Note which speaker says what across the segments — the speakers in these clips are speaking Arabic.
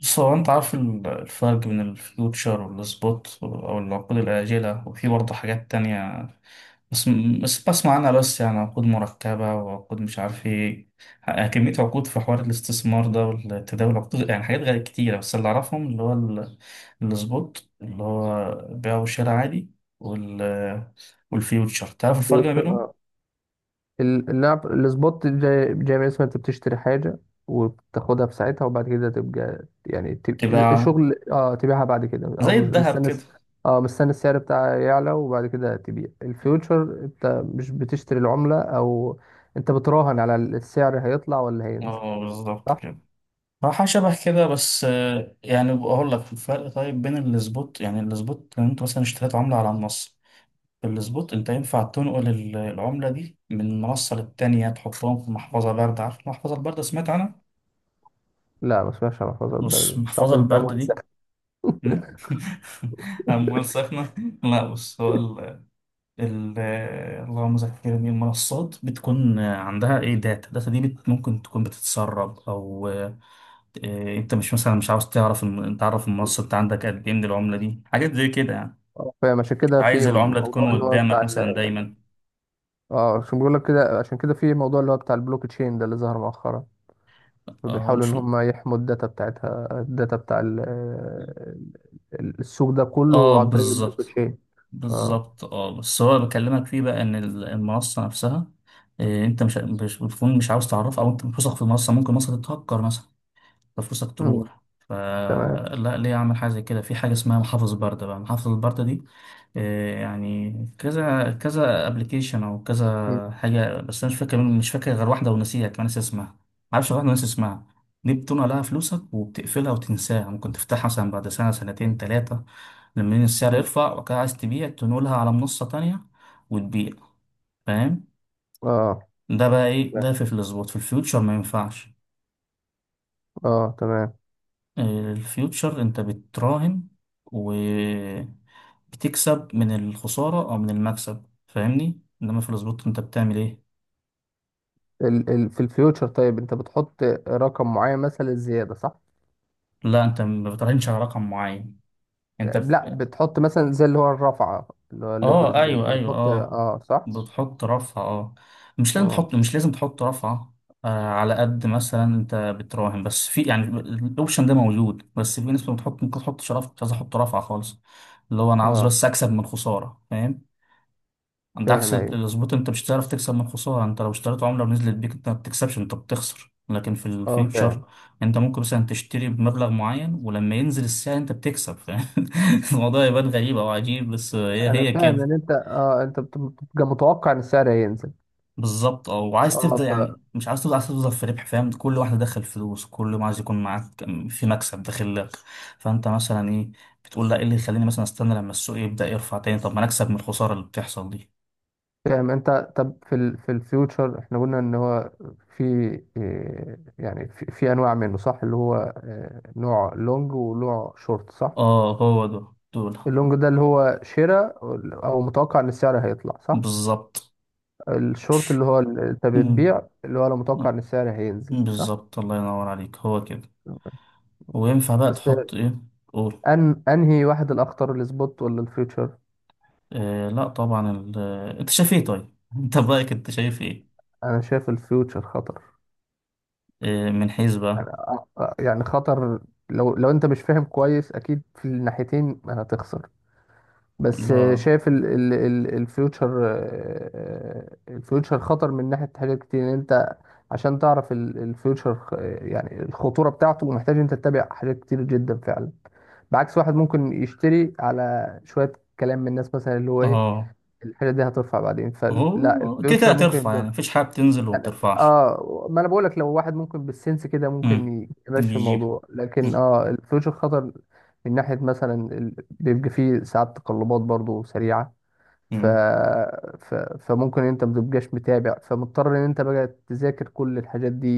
Speaker 1: بص هو انت عارف الفرق بين الفيوتشر والسبوت او العقود الآجلة، وفي برضه حاجات تانية. بس بس بسمع عنها، بس يعني عقود مركبة وعقود مش عارف ايه. كمية عقود في حوار الاستثمار ده والتداول، عقود يعني حاجات غير كتيرة. بس اللي أعرفهم اللي هو السبوت اللي هو بيع وشراء عادي، وال والفيوتشر. تعرف الفرق ما
Speaker 2: بيوتشر،
Speaker 1: بينهم؟
Speaker 2: اه. اللعب السبوت جاي من اسمها، انت بتشتري حاجة وبتاخدها في ساعتها، وبعد كده تبقى يعني تب...
Speaker 1: تبقى
Speaker 2: شغل اه تبيعها بعد كده، او
Speaker 1: زي الذهب
Speaker 2: مستني
Speaker 1: كده.
Speaker 2: مستني السعر بتاعها يعلى، وبعد كده تبيع. الفيوتشر انت مش بتشتري العملة، او انت بتراهن على السعر هيطلع ولا هينزل،
Speaker 1: اه بالظبط
Speaker 2: صح؟
Speaker 1: كده. راحة شبه كده. بس يعني بقول لك الفرق طيب بين السبوت. يعني السبوت لو انت مثلا اشتريت عملة على النص، في السبوت انت ينفع تنقل العملة دي من منصة للتانية، تحطهم في محفظة باردة. عارف المحفظة الباردة؟ سمعت عنها؟
Speaker 2: لا، ما اسمهاش محفظة
Speaker 1: بص
Speaker 2: البلد، صعب
Speaker 1: المحفظة
Speaker 2: ان فيها
Speaker 1: الباردة
Speaker 2: مهندسة.
Speaker 1: دي، مم؟ أموال سخنة. لا بص هو ال- اللهم ذكرني، المنصات بتكون عندها ايه؟ داتا. الداتا دي ممكن تكون بتتسرب او انت مش عاوز تعرف تعرف المنصه انت عندك قد ايه من العمله دي، حاجات زي كده يعني.
Speaker 2: فاهم. عشان كده في
Speaker 1: عايز العمله
Speaker 2: موضوع
Speaker 1: تكون
Speaker 2: اللي هو بتاع
Speaker 1: قدامك مثلا
Speaker 2: ال...
Speaker 1: دايما.
Speaker 2: اه عشان بقول لك كده، عشان كده في موضوع اللي هو بتاع البلوك تشين ده اللي ظهر مؤخرا.
Speaker 1: اه
Speaker 2: بيحاولوا
Speaker 1: مش
Speaker 2: ان هم يحموا الداتا بتاعتها، الداتا بتاع السوق ده
Speaker 1: اه
Speaker 2: كله عن طريق البلوك
Speaker 1: بالظبط.
Speaker 2: تشين. اه.
Speaker 1: بالظبط. اه بس هو بكلمك فيه بقى ان المنصه نفسها انت مش بتكون، مش عاوز تعرفها، او انت مش واثق في المنصه. ممكن المنصه تتهكر مثلا ففلوسك
Speaker 2: مم.
Speaker 1: تروح.
Speaker 2: تمام.
Speaker 1: فلا، ليه اعمل حاجه زي كده؟ في حاجه اسمها محافظ برده بقى. محافظ البرده دي يعني كذا كذا ابلكيشن او
Speaker 2: مم.
Speaker 1: كذا حاجه، بس انا مش فاكر. مش فاكر غير واحده ونسيها كمان، ناسي اسمها. معرفش غير واحده وناسي اسمها. دي بتنقل لها فلوسك وبتقفلها وتنساها. ممكن تفتحها مثلا بعد سنه، سنتين، ثلاثه، لما السعر
Speaker 2: مم.
Speaker 1: يرفع وكده عايز تبيع، تنقلها على منصه تانية وتبيع. فاهم.
Speaker 2: اه.
Speaker 1: ده بقى ايه؟
Speaker 2: تمام.
Speaker 1: ده في الظبط في الفيوتشر ما ينفعش.
Speaker 2: اه، تمام.
Speaker 1: الفيوتشر انت بتراهن وبتكسب من الخسارة او من المكسب، فاهمني؟ انما في السبوت انت بتعمل ايه؟
Speaker 2: ال في الفيوتشر، طيب انت بتحط رقم معين مثلا للزياده، صح؟
Speaker 1: لا انت ما بتراهنش على رقم معين، انت
Speaker 2: لا،
Speaker 1: ب...
Speaker 2: بتحط مثلا زي اللي هو الرفعه، اللي هو
Speaker 1: اه
Speaker 2: الليفرج ده انت
Speaker 1: ايوه ايوه
Speaker 2: بتحط،
Speaker 1: اه.
Speaker 2: اه، صح.
Speaker 1: بتحط رفعة اه. مش لازم
Speaker 2: اه،
Speaker 1: تحط مش لازم تحط رفعة على قد مثلا انت بتراهن. بس في يعني الاوبشن ده موجود. بس في ناس بتحط، ممكن تحط. شرف مش عايز احط رفعة خالص، اللي هو انا عاوز
Speaker 2: اه،
Speaker 1: بس اكسب من الخسارة، فاهم؟ انت
Speaker 2: فاهم.
Speaker 1: عكس
Speaker 2: ايوه،
Speaker 1: الظبط، انت مش هتعرف تكسب من الخساره. انت لو اشتريت عمله ونزلت بيك انت ما بتكسبش، انت بتخسر. لكن في
Speaker 2: اه،
Speaker 1: الفيوتشر
Speaker 2: فاهم.
Speaker 1: انت ممكن مثلا تشتري بمبلغ معين، ولما ينزل السعر انت بتكسب، فاهم؟ الموضوع يبان غريب او عجيب، بس هي
Speaker 2: انا
Speaker 1: هي
Speaker 2: فاهم
Speaker 1: كده.
Speaker 2: ان انت انت بتبقى متوقع ان السعر هينزل.
Speaker 1: بالظبط اه. وعايز تفضل
Speaker 2: اه،
Speaker 1: يعني، مش عايز تفضل، عايز تفضل في ربح، فاهم؟ كل واحده دخل فلوس كل ما عايز يكون معاك، في مكسب داخل لك. فانت مثلا ايه، بتقول لا، ايه اللي يخليني مثلا استنى لما السوق يبدا يرفع تاني؟ طب ما انا اكسب من الخساره اللي بتحصل دي.
Speaker 2: فاهم انت. طب في ال في الفيوتشر احنا قلنا ان هو في في انواع منه، صح؟ اللي هو نوع لونج ونوع شورت، صح؟
Speaker 1: اه هو ده، دول
Speaker 2: اللونج ده اللي هو شراء، او متوقع ان السعر هيطلع، صح؟
Speaker 1: بالظبط.
Speaker 2: الشورت اللي هو انت
Speaker 1: مم.
Speaker 2: بتبيع، اللي هو لو متوقع ان
Speaker 1: مم.
Speaker 2: السعر هينزل، صح؟
Speaker 1: بالظبط، الله ينور عليك، هو كده. وينفع بقى
Speaker 2: بس،
Speaker 1: تحط ايه؟ قول.
Speaker 2: أنهي واحد الأخطر، السبوت ولا الفيوتشر؟
Speaker 1: لا طبعا انت شايف ايه طيب؟ انت برايك انت شايف ايه؟
Speaker 2: أنا شايف الفيوتشر خطر.
Speaker 1: آه من حيث
Speaker 2: يعني
Speaker 1: بقى.
Speaker 2: يعني خطر. لو أنت مش فاهم كويس، أكيد في الناحيتين هتخسر. بس
Speaker 1: الله.
Speaker 2: شايف ال الفيوتشر، الفيوتشر خطر من ناحية حاجات كتير. ان انت عشان تعرف الفيوتشر يعني الخطورة بتاعته، محتاج انت تتابع حاجات كتير جدا فعلا. بعكس واحد ممكن يشتري على شوية كلام من الناس مثلا، اللي هو ايه،
Speaker 1: اه
Speaker 2: الحاجة دي هترفع بعدين. فلا
Speaker 1: هو كده كده
Speaker 2: الفيوتشر ممكن
Speaker 1: هترفع،
Speaker 2: يبقى.
Speaker 1: يعني مفيش حاجه بتنزل وما
Speaker 2: أنا-
Speaker 1: بترفعش.
Speaker 2: اه ما انا بقول لك، لو واحد ممكن بالسنس كده ممكن
Speaker 1: مم.
Speaker 2: يمشي
Speaker 1: يجيب.
Speaker 2: الموضوع، لكن الفلوس الخطر من ناحية مثلا بيبقى فيه ساعات تقلبات برضو سريعة. ف...
Speaker 1: مم.
Speaker 2: ف... فممكن انت متبقاش متابع، فمضطر ان انت بقى تذاكر كل الحاجات دي،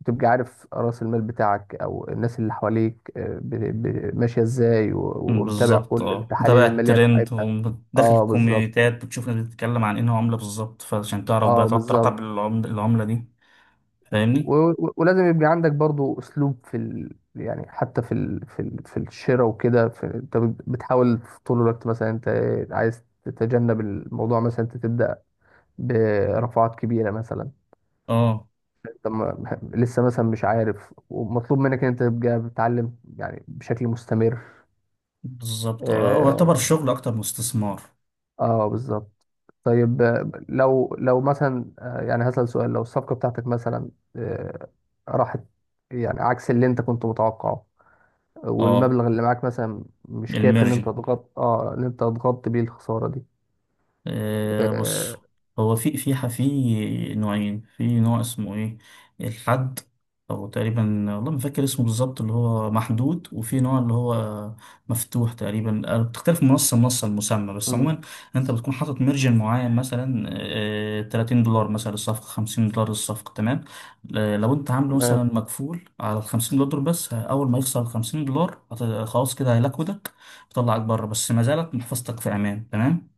Speaker 2: وتبقى عارف رأس المال بتاعك او الناس اللي حواليك ماشية ازاي
Speaker 1: مم.
Speaker 2: ومتابع
Speaker 1: بالظبط
Speaker 2: كل
Speaker 1: اه.
Speaker 2: التحاليل
Speaker 1: متابع
Speaker 2: المالية
Speaker 1: الترند
Speaker 2: بتاعتها.
Speaker 1: وداخل
Speaker 2: اه، بالظبط.
Speaker 1: الكوميونيتات، بتشوف ناس بتتكلم عن انه عمله بالظبط، فعشان تعرف
Speaker 2: اه،
Speaker 1: بقى تعرف
Speaker 2: بالظبط.
Speaker 1: تراقب العملة دي. فاهمني.
Speaker 2: ولازم يبقى عندك برضو اسلوب في يعني حتى في في الشراء وكده، انت بتحاول في طول الوقت مثلا انت عايز تتجنب الموضوع، مثلا انت تبدا برفعات كبيره مثلا،
Speaker 1: اه
Speaker 2: انت لسه مثلا مش عارف، ومطلوب منك ان انت تبقى بتتعلم يعني بشكل مستمر.
Speaker 1: بالظبط. اه، هو يعتبر
Speaker 2: اه,
Speaker 1: الشغل اكتر من استثمار.
Speaker 2: آه بالظبط. طيب لو مثلا يعني هسأل سؤال. لو الصفقه بتاعتك مثلا آه، راحت، يعني عكس اللي انت كنت متوقعه،
Speaker 1: اه
Speaker 2: والمبلغ اللي معاك مثلا مش كافي ان انت
Speaker 1: الميرج.
Speaker 2: تغطي، بيه الخساره دي.
Speaker 1: آه بص،
Speaker 2: آه.
Speaker 1: هو في نوعين. في نوع اسمه ايه، الحد او تقريبا، والله ما فاكر اسمه بالظبط، اللي هو محدود، وفي نوع اللي هو مفتوح تقريبا. بتختلف من منصه لمنصه المسمى، بس
Speaker 2: مم.
Speaker 1: عموما انت بتكون حاطط مارجن معين مثلا $30 مثلا الصفقه، $50 الصفقه تمام. لو انت عامله مثلا
Speaker 2: تمام.
Speaker 1: مكفول على ال $50 بس، اول ما يخسر ال $50 خلاص كده هيلاكودك ويطلعك بره، بس ما زالت محفظتك في امان تمام.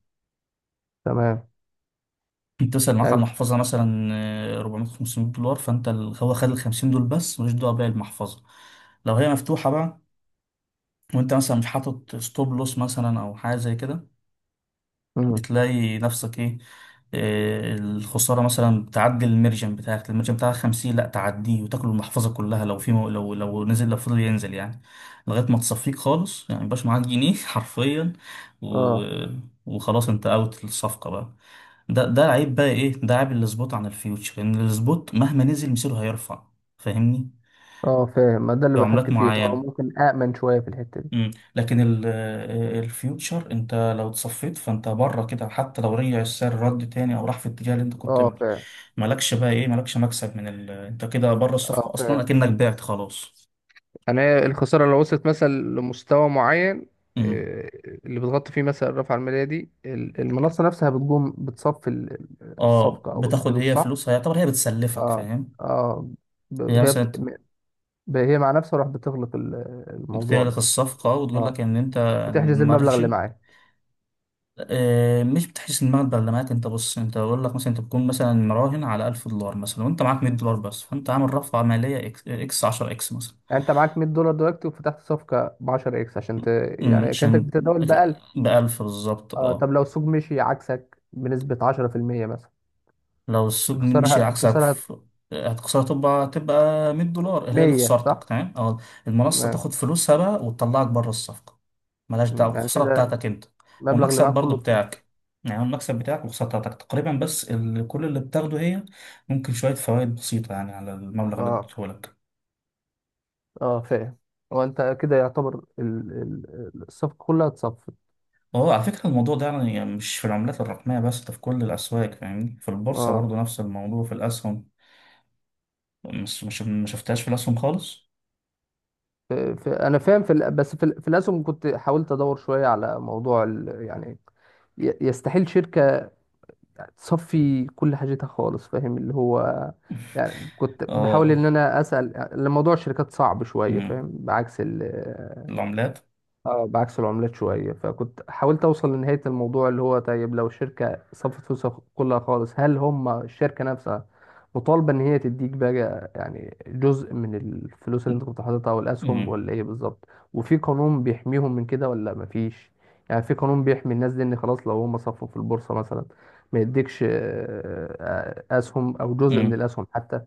Speaker 2: تمام،
Speaker 1: بتوصل معاك
Speaker 2: يعني
Speaker 1: على
Speaker 2: انت.
Speaker 1: المحفظة مثلا 400، $500، فانت هو خد ال 50 دول بس، ملوش دعوة باقي المحفظة. لو هي مفتوحة بقى وانت مثلا مش حاطط ستوب لوس مثلا او حاجة زي كده،
Speaker 2: مم.
Speaker 1: بتلاقي نفسك ايه، الخسارة مثلا بتعدي المرجم بتاعك. المرجم بتاعك 50، لا تعديه وتاكل المحفظة كلها. لو في مو، لو نزل، لو فضل ينزل يعني لغاية ما تصفيك خالص، يعني مبقاش معاك جنيه حرفيا. و...
Speaker 2: اه.
Speaker 1: وخلاص انت اوت الصفقة بقى. ده ده عيب بقى، ايه ده؟ عيب السبوت عن الفيوتشر ان السبوت مهما نزل مصيره هيرفع، فاهمني؟
Speaker 2: اه، فاهم. ما ده اللي
Speaker 1: في عملات
Speaker 2: بحكي فيه ان هو
Speaker 1: معينة.
Speaker 2: ممكن امن شويه في الحته دي.
Speaker 1: مم. لكن الفيوتشر انت لو اتصفيت فانت بره كده، حتى لو رجع السعر رد تاني او راح في الاتجاه اللي انت كنت
Speaker 2: اه،
Speaker 1: بيه،
Speaker 2: فاهم.
Speaker 1: مالكش بقى ايه، مالكش مكسب من ال... انت كده بره الصفقة
Speaker 2: اه،
Speaker 1: اصلا،
Speaker 2: فاهم.
Speaker 1: اكنك بعت خلاص.
Speaker 2: يعني هي الخساره، لو وصلت مثلا لمستوى معين،
Speaker 1: مم.
Speaker 2: آه، اللي بتغطي فيه مثلا الرفعه الماليه دي، المنصه نفسها بتقوم بتصفي
Speaker 1: اه
Speaker 2: الصفقه او
Speaker 1: بتاخد
Speaker 2: الفلوس،
Speaker 1: هي
Speaker 2: صح؟
Speaker 1: فلوسها، يعتبر هي بتسلفك،
Speaker 2: اه.
Speaker 1: فاهم؟
Speaker 2: اه.
Speaker 1: هي
Speaker 2: ب- هي بت...
Speaker 1: مثلا
Speaker 2: هي مع نفسها راح بتغلق الموضوع
Speaker 1: بتغلق
Speaker 2: ده.
Speaker 1: الصفقة وتقول
Speaker 2: اه،
Speaker 1: لك ان انت،
Speaker 2: وتحجز المبلغ اللي
Speaker 1: المارجن
Speaker 2: معاك.
Speaker 1: مش بتحس ان المبلغ اللي معاك. انت بص، انت بقول لك مثلا انت بتكون مثلا مراهن على $1000 مثلا، وانت معاك $100 بس، فانت عامل رفعه ماليه اكس 10 اكس مثلا.
Speaker 2: يعني انت معاك 100 دولار دلوقتي، وفتحت صفقة ب 10 اكس عشان يعني كانتك
Speaker 1: عشان
Speaker 2: بتتداول ب 1000.
Speaker 1: بألف بالظبط
Speaker 2: اه، طب
Speaker 1: اه.
Speaker 2: لو السوق مشي عكسك بنسبة 10% مثلا،
Speaker 1: لو السوق مشي
Speaker 2: الخسارة
Speaker 1: عكسك
Speaker 2: الخسارة
Speaker 1: في، هتخسر، تبقى تبقى $100 هي دي
Speaker 2: 100،
Speaker 1: خسارتك
Speaker 2: صح؟
Speaker 1: تمام. او المنصة
Speaker 2: تمام.
Speaker 1: تاخد فلوسها بقى وتطلعك بره الصفقة، ملهاش
Speaker 2: مم.
Speaker 1: دعوة
Speaker 2: يعني
Speaker 1: الخسارة
Speaker 2: كده
Speaker 1: بتاعتك انت.
Speaker 2: المبلغ اللي
Speaker 1: والمكسب
Speaker 2: معاك
Speaker 1: برضو
Speaker 2: كله اتصرف.
Speaker 1: بتاعك، يعني المكسب بتاعك والخسارة بتاعتك تقريبا. بس كل اللي بتاخده هي ممكن شوية فوائد بسيطة يعني على المبلغ اللي
Speaker 2: اه.
Speaker 1: اديتهولك.
Speaker 2: اه، فاهم. هو انت كده يعتبر الصفقة كلها اتصفت.
Speaker 1: هو على فكرة الموضوع ده يعني مش في العملات الرقمية بس، ده في كل الأسواق، فاهمني؟ في البورصة
Speaker 2: اه.
Speaker 1: برضو نفس الموضوع، في الأسهم. مش ما شفتهاش في الأسهم خالص.
Speaker 2: انا فاهم في بس في الاسهم كنت حاولت ادور شوية على موضوع يعني يستحيل شركة يعني تصفي كل حاجتها خالص، فاهم، اللي هو. يعني كنت بحاول ان
Speaker 1: اه
Speaker 2: انا اسال الموضوع، الشركات صعب شويه،
Speaker 1: أمم.
Speaker 2: فاهم، بعكس.
Speaker 1: العملات.
Speaker 2: اه، بعكس العملات شوية، فكنت حاولت أوصل لنهاية الموضوع اللي هو طيب، لو الشركة صفت فلوسها كلها خالص، هل هم الشركة نفسها مطالبة إن هي تديك بقى يعني جزء من الفلوس اللي أنت كنت حاططها أو الأسهم،
Speaker 1: أمم.
Speaker 2: ولا إيه بالظبط؟ وفي قانون بيحميهم من كده ولا مفيش؟ يعني في قانون بيحمي الناس دي إن خلاص لو هم صفوا في البورصة مثلا ما يديكش أسهم أو جزء من
Speaker 1: أمم.
Speaker 2: الأسهم حتى.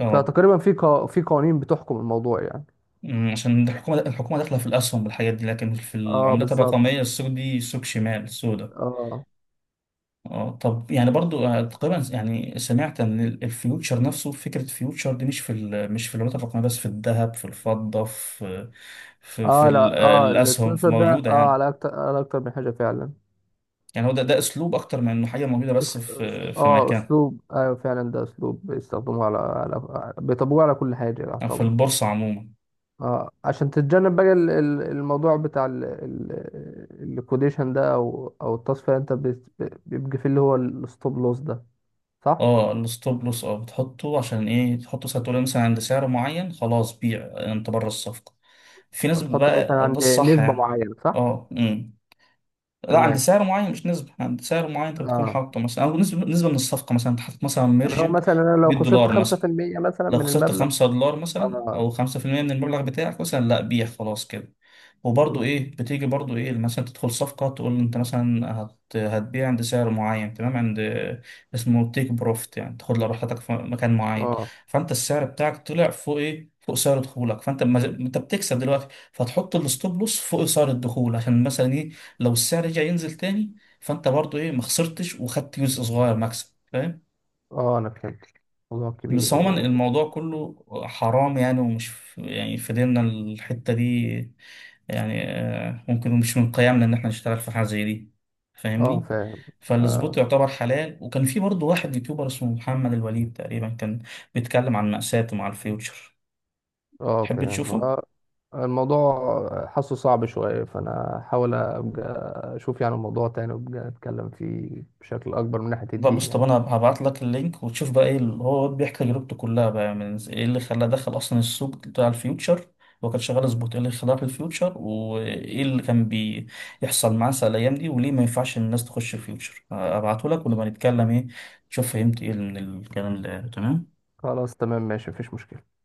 Speaker 1: اه.
Speaker 2: فتقريبا في في قوانين بتحكم الموضوع يعني.
Speaker 1: أمم. عشان الحكومة، الحكومة داخلة في الأسهم والحاجات دي، لكن في
Speaker 2: اه،
Speaker 1: العملات
Speaker 2: بالظبط.
Speaker 1: الرقمية السوق دي سوق شمال السوداء.
Speaker 2: اه.
Speaker 1: اه، طب يعني برضو تقريبا يعني سمعت ان الفيوتشر نفسه، فكرة الفيوتشر دي مش في مش في العملات الرقمية بس، في الذهب، في الفضة، في في في
Speaker 2: اه،
Speaker 1: ال-
Speaker 2: لا،
Speaker 1: آه،
Speaker 2: اه،
Speaker 1: الأسهم في،
Speaker 2: الانفلونسر ده
Speaker 1: موجودة
Speaker 2: اه
Speaker 1: يعني.
Speaker 2: على اكتر من حاجه فعلا.
Speaker 1: يعني هو ده، ده أسلوب أكتر من إنه حاجة موجودة
Speaker 2: أس-
Speaker 1: بس في في مكان،
Speaker 2: اسلوب، ايوه فعلا، ده اسلوب بيستخدموه على بيطبقوه على كل حاجه
Speaker 1: أو في
Speaker 2: يعتبر.
Speaker 1: البورصة عموما.
Speaker 2: اه، عشان تتجنب بقى الموضوع بتاع الكوديشن ده، او التصفيه، انت بيبقى فيه اللي هو الستوب لوس ده، صح.
Speaker 1: اه الستوب لوس. اه بتحطه عشان ايه، تحطه ساعة تقول مثلا عند سعر معين خلاص بيع انت بره الصفقة. في ناس
Speaker 2: تحط مثلا
Speaker 1: بقى، او ده
Speaker 2: عند
Speaker 1: الصح
Speaker 2: نسبه
Speaker 1: يعني.
Speaker 2: معينه، صح.
Speaker 1: اه امم. لا عند
Speaker 2: تمام.
Speaker 1: سعر معين مش نسبة، عند سعر معين انت بتكون
Speaker 2: اه،
Speaker 1: حاطه مثلا، او نسبة، نسبة من الصفقة مثلا. انت حاطط مثلا
Speaker 2: يعني هو
Speaker 1: ميرجن
Speaker 2: مثلا انا لو
Speaker 1: 100
Speaker 2: خسرت
Speaker 1: دولار مثلا،
Speaker 2: 5% مثلا
Speaker 1: لو
Speaker 2: من
Speaker 1: خسرت
Speaker 2: المبلغ.
Speaker 1: $5 مثلا
Speaker 2: اه.
Speaker 1: أو 5% من المبلغ بتاعك مثلا، لأ بيع خلاص كده. وبرضه
Speaker 2: مم.
Speaker 1: إيه، بتيجي برضه إيه مثلا تدخل صفقة، تقول أنت مثلا هتبيع عند سعر معين تمام، عند، اسمه تيك بروفت، يعني تاخد لراحتك في مكان معين.
Speaker 2: اه.
Speaker 1: فأنت السعر بتاعك طلع فوق إيه، فوق سعر دخولك، فأنت ما... أنت بتكسب دلوقتي، فتحط الستوب لوس فوق سعر الدخول عشان مثلا إيه، لو السعر رجع ينزل تاني فأنت برضه إيه، ما خسرتش وخدت جزء صغير مكسب، فاهم؟
Speaker 2: اه، انا فهمت. موضوع
Speaker 1: بس
Speaker 2: كبير
Speaker 1: عموما الموضوع كله حرام يعني، ومش في يعني في ديننا الحتة دي، يعني ممكن مش من قيمنا إن إحنا نشتغل في حاجة زي دي،
Speaker 2: اه،
Speaker 1: فاهمني؟
Speaker 2: فاهم.
Speaker 1: فالسبوت
Speaker 2: اه.
Speaker 1: يعتبر حلال. وكان في برضه واحد يوتيوبر اسمه محمد الوليد تقريبا، كان بيتكلم عن مأساته مع الفيوتشر. تحب
Speaker 2: فاهم.
Speaker 1: تشوفه؟
Speaker 2: الموضوع حاسه صعب شوية، فأنا هحاول أبقى أشوف يعني الموضوع تاني، وأبقى أتكلم فيه بشكل أكبر من ناحية
Speaker 1: ده
Speaker 2: الدين
Speaker 1: بص طب
Speaker 2: يعني.
Speaker 1: انا هبعت لك اللينك، وتشوف بقى ايه اللي هو بيحكي تجربته كلها بقى، من ايه اللي خلاه دخل اصلا السوق بتاع الفيوتشر. هو كان شغال سبوت، ايه اللي خلاه في الفيوتشر، وايه اللي كان بيحصل معاه ساعة الايام دي، وليه ما ينفعش الناس تخش الفيوتشر. هبعته لك ونبقى نتكلم ايه، تشوف فهمت ايه من الكلام ده، تمام.
Speaker 2: خلاص، تمام، ماشي، مفيش مشكلة.